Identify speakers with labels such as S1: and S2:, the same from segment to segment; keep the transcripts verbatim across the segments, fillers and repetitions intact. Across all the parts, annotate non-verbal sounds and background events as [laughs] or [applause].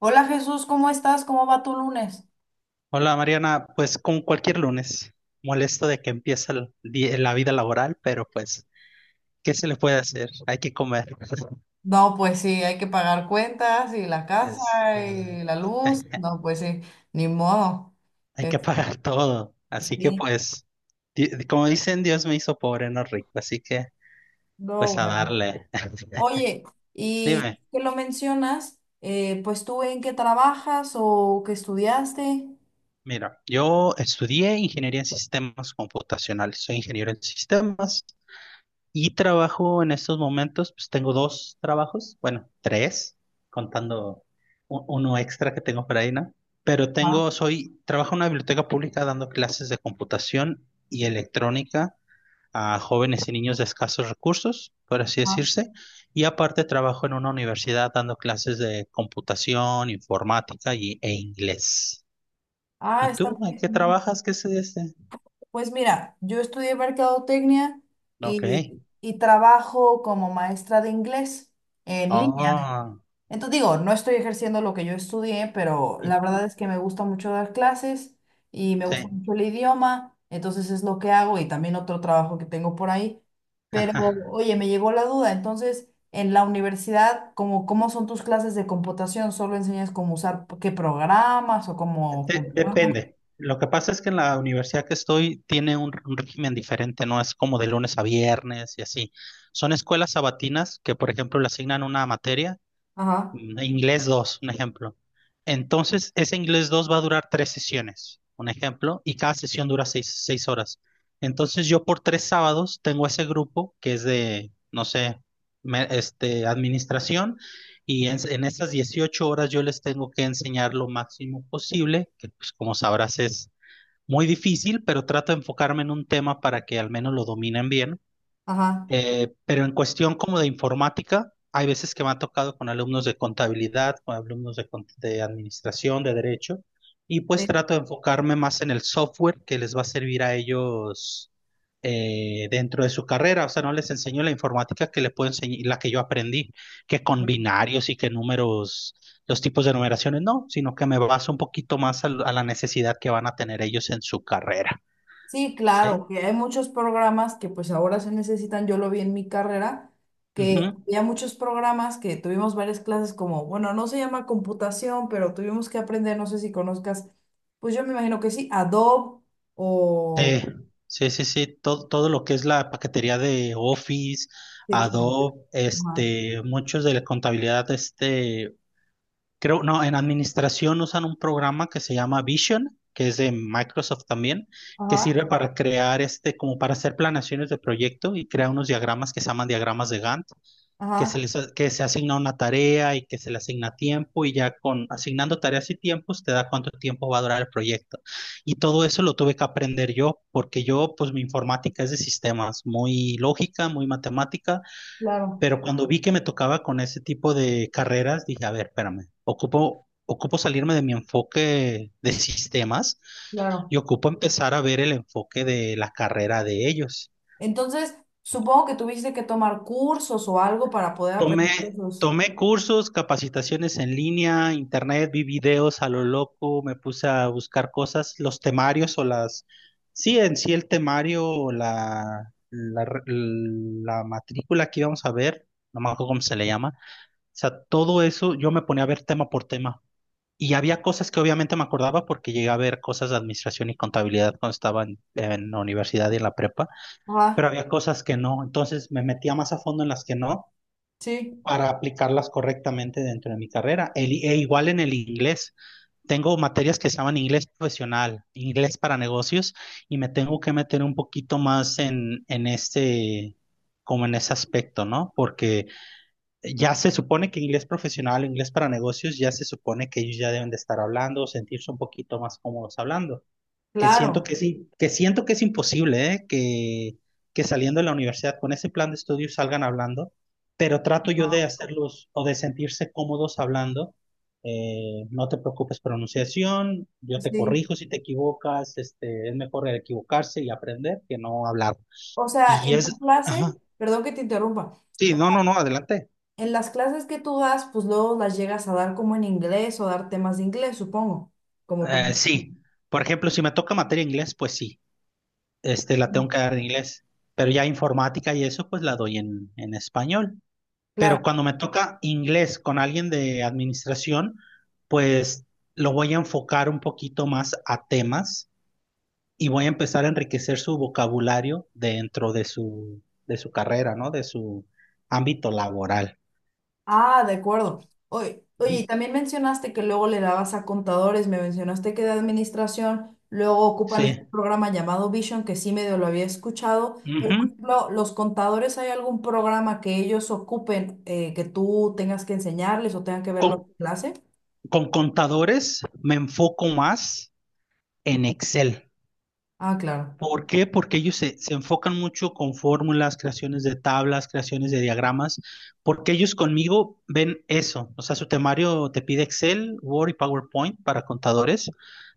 S1: Hola Jesús, ¿cómo estás? ¿Cómo va tu lunes?
S2: Hola Mariana, pues como cualquier lunes, molesto de que empieza el di- la vida laboral, pero pues, ¿qué se le puede hacer? Hay que comer. [laughs]
S1: No, pues sí, hay que pagar cuentas y la casa
S2: Es, ah,
S1: y la luz.
S2: [laughs]
S1: No, pues sí, ni modo.
S2: hay que
S1: Es-
S2: pagar todo, así que
S1: Sí,
S2: pues, di- como dicen, Dios me hizo pobre, no rico, así que pues
S1: no,
S2: a
S1: bueno.
S2: darle. [laughs]
S1: Oye, y
S2: Dime,
S1: que lo mencionas, eh, pues tú en qué trabajas o qué estudiaste.
S2: mira, yo estudié ingeniería en sistemas computacionales, soy ingeniero en sistemas. Y trabajo en estos momentos, pues tengo dos trabajos, bueno, tres, contando u- uno extra que tengo por ahí, ¿no? Pero
S1: Ah,
S2: tengo, soy, trabajo en una biblioteca pública dando clases de computación y electrónica a jóvenes y niños de escasos recursos, por así
S1: ah.
S2: decirse. Y aparte trabajo en una universidad dando clases de computación, informática y, e inglés.
S1: Ah,
S2: ¿Y
S1: está
S2: tú?
S1: muy
S2: ¿En qué
S1: bien.
S2: trabajas? ¿Qué es este?
S1: Pues mira, yo estudié mercadotecnia
S2: Ok.
S1: y, y trabajo como maestra de inglés en línea.
S2: Oh.
S1: Entonces digo, no estoy ejerciendo lo que yo estudié, pero la
S2: Ujú.
S1: verdad es que me gusta mucho dar clases y me
S2: Sí.
S1: gusta mucho el idioma, entonces es lo que hago y también otro trabajo que tengo por ahí. Pero
S2: [laughs]
S1: oye, me llegó la duda, entonces en la universidad, ¿cómo, ¿cómo son tus clases de computación? ¿Solo enseñas cómo usar qué programas o cómo...
S2: De- depende. Lo que pasa es que en la universidad que estoy tiene un, un régimen diferente, no es como de lunes a viernes y así. Son escuelas sabatinas que, por ejemplo, le asignan una materia,
S1: Ajá,
S2: mm, inglés dos, un ejemplo. Entonces, ese inglés dos va a durar tres sesiones, un ejemplo, y cada sesión dura seis, seis horas. Entonces, yo por tres sábados tengo ese grupo que es de, no sé, me- este, administración, y en, en esas dieciocho horas yo les tengo que enseñar lo máximo posible, que pues como sabrás es muy difícil, pero trato de enfocarme en un tema para que al menos lo dominen bien.
S1: ajá.
S2: Eh, pero en cuestión como de informática, hay veces que me ha tocado con alumnos de contabilidad, con alumnos de, cont- de administración, de derecho, y pues
S1: Sí.
S2: trato de enfocarme más en el software que les va a servir a ellos, eh, dentro de su carrera. O sea, no les enseño la informática que les puedo enseñar, la que yo aprendí, que con binarios y que números, los tipos de numeraciones, no, sino que me baso un poquito más al- a la necesidad que van a tener ellos en su carrera.
S1: Sí,
S2: ¿Sí?
S1: claro, que hay muchos programas que pues ahora se necesitan, yo lo vi en mi carrera, que
S2: Ujú.
S1: había muchos programas que tuvimos varias clases como, bueno, no se llama computación, pero tuvimos que aprender, no sé si conozcas, pues yo me imagino que sí, Adobe o...
S2: Sí, sí, sí, sí, todo, todo lo que es la paquetería de Office,
S1: Sí, claro.
S2: Adobe,
S1: Ajá,
S2: este, muchos de la contabilidad, este, creo, no, en administración usan un programa que se llama Vision, que es de Microsoft también, que
S1: ajá,
S2: sirve para crear, este, como para hacer planeaciones de proyecto y crea unos diagramas que se llaman diagramas de Gantt, que se
S1: ajá,
S2: les, a- que se asigna una tarea y que se le asigna tiempo y ya con asignando tareas y tiempos te da cuánto tiempo va a durar el proyecto. Y todo eso lo tuve que aprender yo porque yo, pues mi informática es de sistemas, muy lógica, muy matemática,
S1: claro,
S2: pero cuando vi que me tocaba con ese tipo de carreras, dije, a ver, espérame, ocupo... Ocupo salirme de mi enfoque de sistemas y
S1: claro.
S2: ocupo empezar a ver el enfoque de la carrera de ellos.
S1: Entonces, supongo que tuviste que tomar cursos o algo para poder aprender
S2: Tomé,
S1: esos.
S2: tomé cursos, capacitaciones en línea, internet, vi videos a lo loco, me puse a buscar cosas, los temarios o las, sí, en sí el temario o la, la, re- la matrícula que íbamos a ver, no me acuerdo cómo se le llama, o sea, todo eso yo me ponía a ver tema por tema. Y había cosas que obviamente me acordaba porque llegué a ver cosas de administración y contabilidad cuando estaba en en la universidad y en la prepa, pero
S1: Ajá,
S2: había cosas que no, entonces me metía más a fondo en las que no
S1: sí,
S2: para aplicarlas correctamente dentro de mi carrera. El, e igual en el inglés. Tengo materias que se llaman inglés profesional, inglés para negocios, y me tengo que meter un poquito más en, en este, como en ese aspecto, ¿no? Porque ya se supone que inglés profesional, inglés para negocios, ya se supone que ellos ya deben de estar hablando, sentirse un poquito más cómodos hablando, que siento
S1: claro.
S2: que sí, que siento que es imposible, ¿eh? que, que saliendo de la universidad con ese plan de estudios salgan hablando, pero trato yo de
S1: Ajá,
S2: hacerlos o de sentirse cómodos hablando. Eh, no te preocupes pronunciación, yo te
S1: sí.
S2: corrijo si te equivocas, este, es mejor equivocarse y aprender que no hablar.
S1: O sea,
S2: Y
S1: en tu
S2: es,
S1: clase,
S2: ajá,
S1: perdón que te interrumpa,
S2: sí, no, no, no, adelante.
S1: en las clases que tú das, pues luego las llegas a dar como en inglés o dar temas de inglés, supongo, como tú.
S2: Eh, sí, por ejemplo, si me toca materia inglés, pues sí, este, la tengo que dar en inglés, pero ya informática y eso, pues la doy en, en español. Pero
S1: Claro.
S2: cuando me toca inglés con alguien de administración, pues lo voy a enfocar un poquito más a temas y voy a empezar a enriquecer su vocabulario dentro de su, de su carrera, ¿no? De su ámbito laboral.
S1: Ah, de acuerdo. Oye, oye, y
S2: Ujú.
S1: también mencionaste que luego le dabas a contadores, me mencionaste que de administración, luego ocupan este
S2: Sí.
S1: programa llamado Vision, que sí medio lo había escuchado, pero
S2: Ujú.
S1: por ejemplo, los contadores, ¿hay algún programa que ellos ocupen eh, que tú tengas que enseñarles o tengan que
S2: Con,
S1: verlo en clase?
S2: con contadores me enfoco más en Excel.
S1: Ah, claro.
S2: ¿Por qué? Porque ellos se, se enfocan mucho con fórmulas, creaciones de tablas, creaciones de diagramas, porque ellos conmigo ven eso. O sea, su temario te pide Excel, Word y PowerPoint para contadores.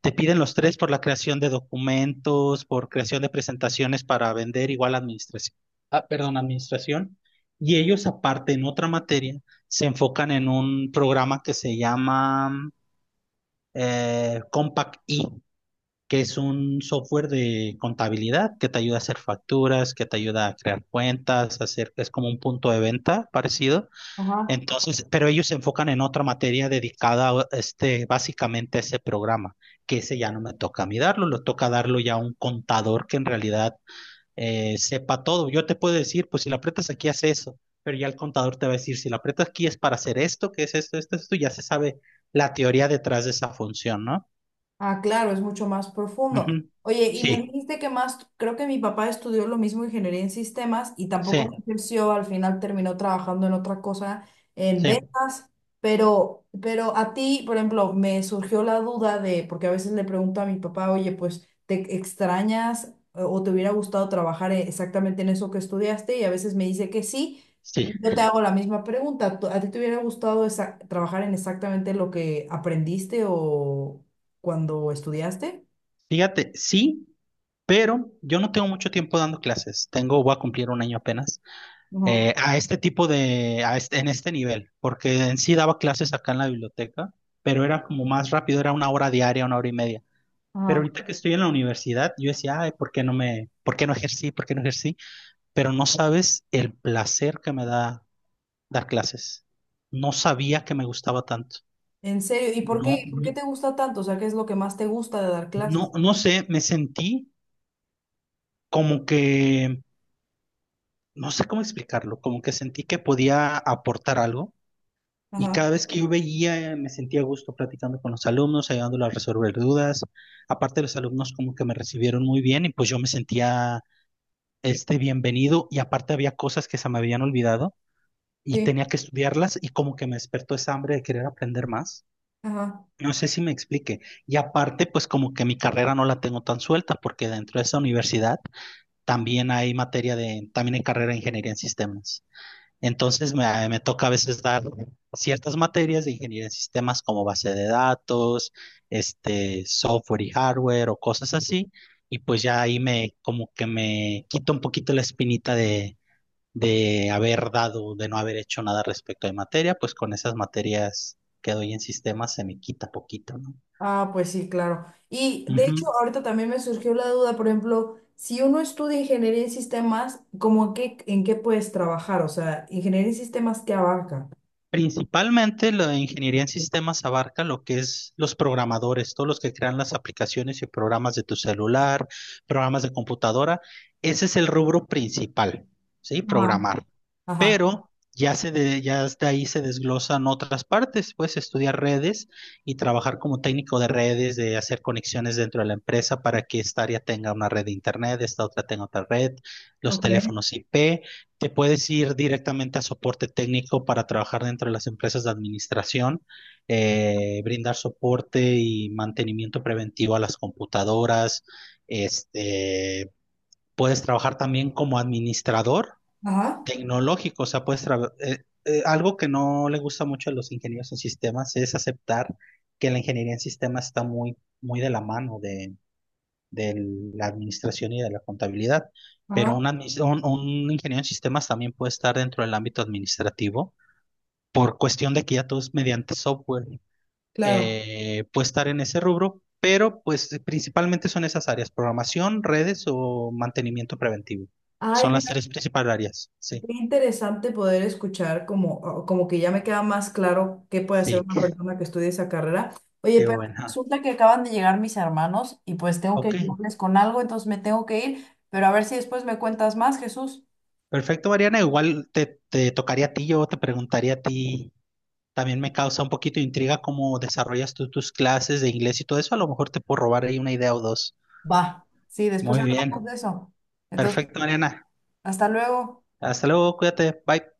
S2: Te piden los tres por la creación de documentos, por creación de presentaciones para vender, igual administración. Ah, perdón, administración. Y ellos, aparte, en otra materia, se enfocan en un programa que se llama, eh, Compact E, que es un software de contabilidad que te ayuda a hacer facturas, que te ayuda a crear cuentas, a hacer, es como un punto de venta parecido.
S1: Ajá.
S2: Entonces, pero ellos se enfocan en otra materia dedicada a este, básicamente a ese programa, que ese ya no me toca a mí darlo, lo toca darlo ya a un contador que en realidad, eh, sepa todo. Yo te puedo decir, pues si la aprietas aquí, hace eso. Pero ya el contador te va a decir, si la aprietas aquí es para hacer esto, que es esto, esto, esto, ya se sabe la teoría detrás de esa función, ¿no?
S1: Ah, claro, es mucho más profundo.
S2: Ujú.
S1: Oye, y me
S2: Sí,
S1: dijiste que más, creo que mi papá estudió lo mismo, ingeniería en sistemas, y
S2: sí.
S1: tampoco ejerció, al final terminó trabajando en otra cosa, en
S2: Sí,
S1: ventas, pero, pero a ti, por ejemplo, me surgió la duda de, porque a veces le pregunto a mi papá, oye, pues, ¿te extrañas eh, o te hubiera gustado trabajar eh, exactamente en eso que estudiaste? Y a veces me dice que sí,
S2: sí.
S1: y yo te hago la misma pregunta, ¿tú- ¿a ti te hubiera gustado esa- trabajar en exactamente lo que aprendiste o cuando estudiaste?
S2: Fíjate, sí, pero yo no tengo mucho tiempo dando clases. Tengo, voy a cumplir un año apenas,
S1: Ujú,
S2: eh, a este tipo de, a este- en este nivel, porque en sí daba clases acá en la biblioteca, pero era como más rápido, era una hora diaria, una hora y media. Pero
S1: ajá.
S2: ahorita que estoy en la universidad, yo decía, ay, ¿por qué no me, por qué no ejercí, por qué no ejercí? Pero no sabes el placer que me da dar clases. No sabía que me gustaba tanto.
S1: ¿En serio? ¿Y por qué,
S2: No,
S1: por qué te gusta tanto? O sea, ¿qué es lo que más te gusta de dar
S2: no,
S1: clases?
S2: no sé, me sentí como que no sé cómo explicarlo, como que sentí que podía aportar algo y
S1: Ajá,
S2: cada vez que yo veía, eh, me sentía a gusto platicando con los alumnos, ayudándolos a resolver dudas. Aparte los alumnos como que me recibieron muy bien y pues yo me sentía este bienvenido y aparte había cosas que se me habían olvidado y
S1: sí,
S2: tenía que estudiarlas y como que me despertó esa hambre de querer aprender más.
S1: ajá.
S2: No sé si me explique. Y aparte, pues como que mi carrera no la tengo tan suelta porque dentro de esa universidad también hay materia de, también hay carrera de ingeniería en sistemas. Entonces me, me toca a veces dar ciertas materias de ingeniería en sistemas como base de datos, este, software y hardware o cosas así. Y pues ya ahí me como que me quito un poquito la espinita de, de haber dado, de no haber hecho nada respecto de materia, pues con esas materias que doy en sistemas se me quita poquito, ¿no?
S1: Ah, pues sí, claro. Y de hecho,
S2: Ujú.
S1: ahorita también me surgió la duda, por ejemplo, si uno estudia ingeniería en sistemas, ¿cómo qué, en qué puedes trabajar? O sea, ingeniería en sistemas, ¿qué abarca?
S2: Principalmente la ingeniería en sistemas abarca lo que es los programadores, todos los que crean las aplicaciones y programas de tu celular, programas de computadora. Ese es el rubro principal, ¿sí?
S1: Ajá.
S2: Programar.
S1: Ajá,
S2: Pero ya se de, ya de ahí se desglosan otras partes. Puedes estudiar redes y trabajar como técnico de redes, de hacer conexiones dentro de la empresa para que esta área tenga una red de internet, esta otra tenga otra red, los
S1: ok,
S2: teléfonos I P. Te puedes ir directamente a soporte técnico para trabajar dentro de las empresas de administración, eh, brindar soporte y mantenimiento preventivo a las computadoras. Este, puedes trabajar también como administrador
S1: ajá,
S2: tecnológico, o sea, puedes tra- eh, eh, algo que no le gusta mucho a los ingenieros en sistemas es aceptar que la ingeniería en sistemas está muy, muy de la mano de de la administración y de la contabilidad, pero
S1: ajá,
S2: un, admis- un, un ingeniero en sistemas también puede estar dentro del ámbito administrativo por cuestión de que ya todo es mediante software.
S1: claro.
S2: Eh, puede estar en ese rubro, pero pues principalmente son esas áreas, programación, redes o mantenimiento preventivo.
S1: Ay,
S2: Son
S1: me...
S2: las tres principales áreas. Sí,
S1: Qué interesante poder escuchar como, o- como que ya me queda más claro qué puede hacer
S2: sí,
S1: una
S2: qué,
S1: persona que estudie esa carrera. Oye,
S2: qué
S1: pero
S2: buena.
S1: resulta que acaban de llegar mis hermanos y pues tengo que
S2: Ok,
S1: ayudarles con algo, entonces me tengo que ir, pero a ver si después me cuentas más, Jesús.
S2: perfecto, Mariana. Igual te, te tocaría a ti, yo te preguntaría a ti. También me causa un poquito de intriga cómo desarrollas tú tus clases de inglés y todo eso. A lo mejor te puedo robar ahí una idea o dos.
S1: Va, sí, después
S2: Muy
S1: hablamos
S2: bien.
S1: de eso. Entonces,
S2: Perfecto, Mariana.
S1: hasta luego.
S2: Hasta luego, cuídate. Bye.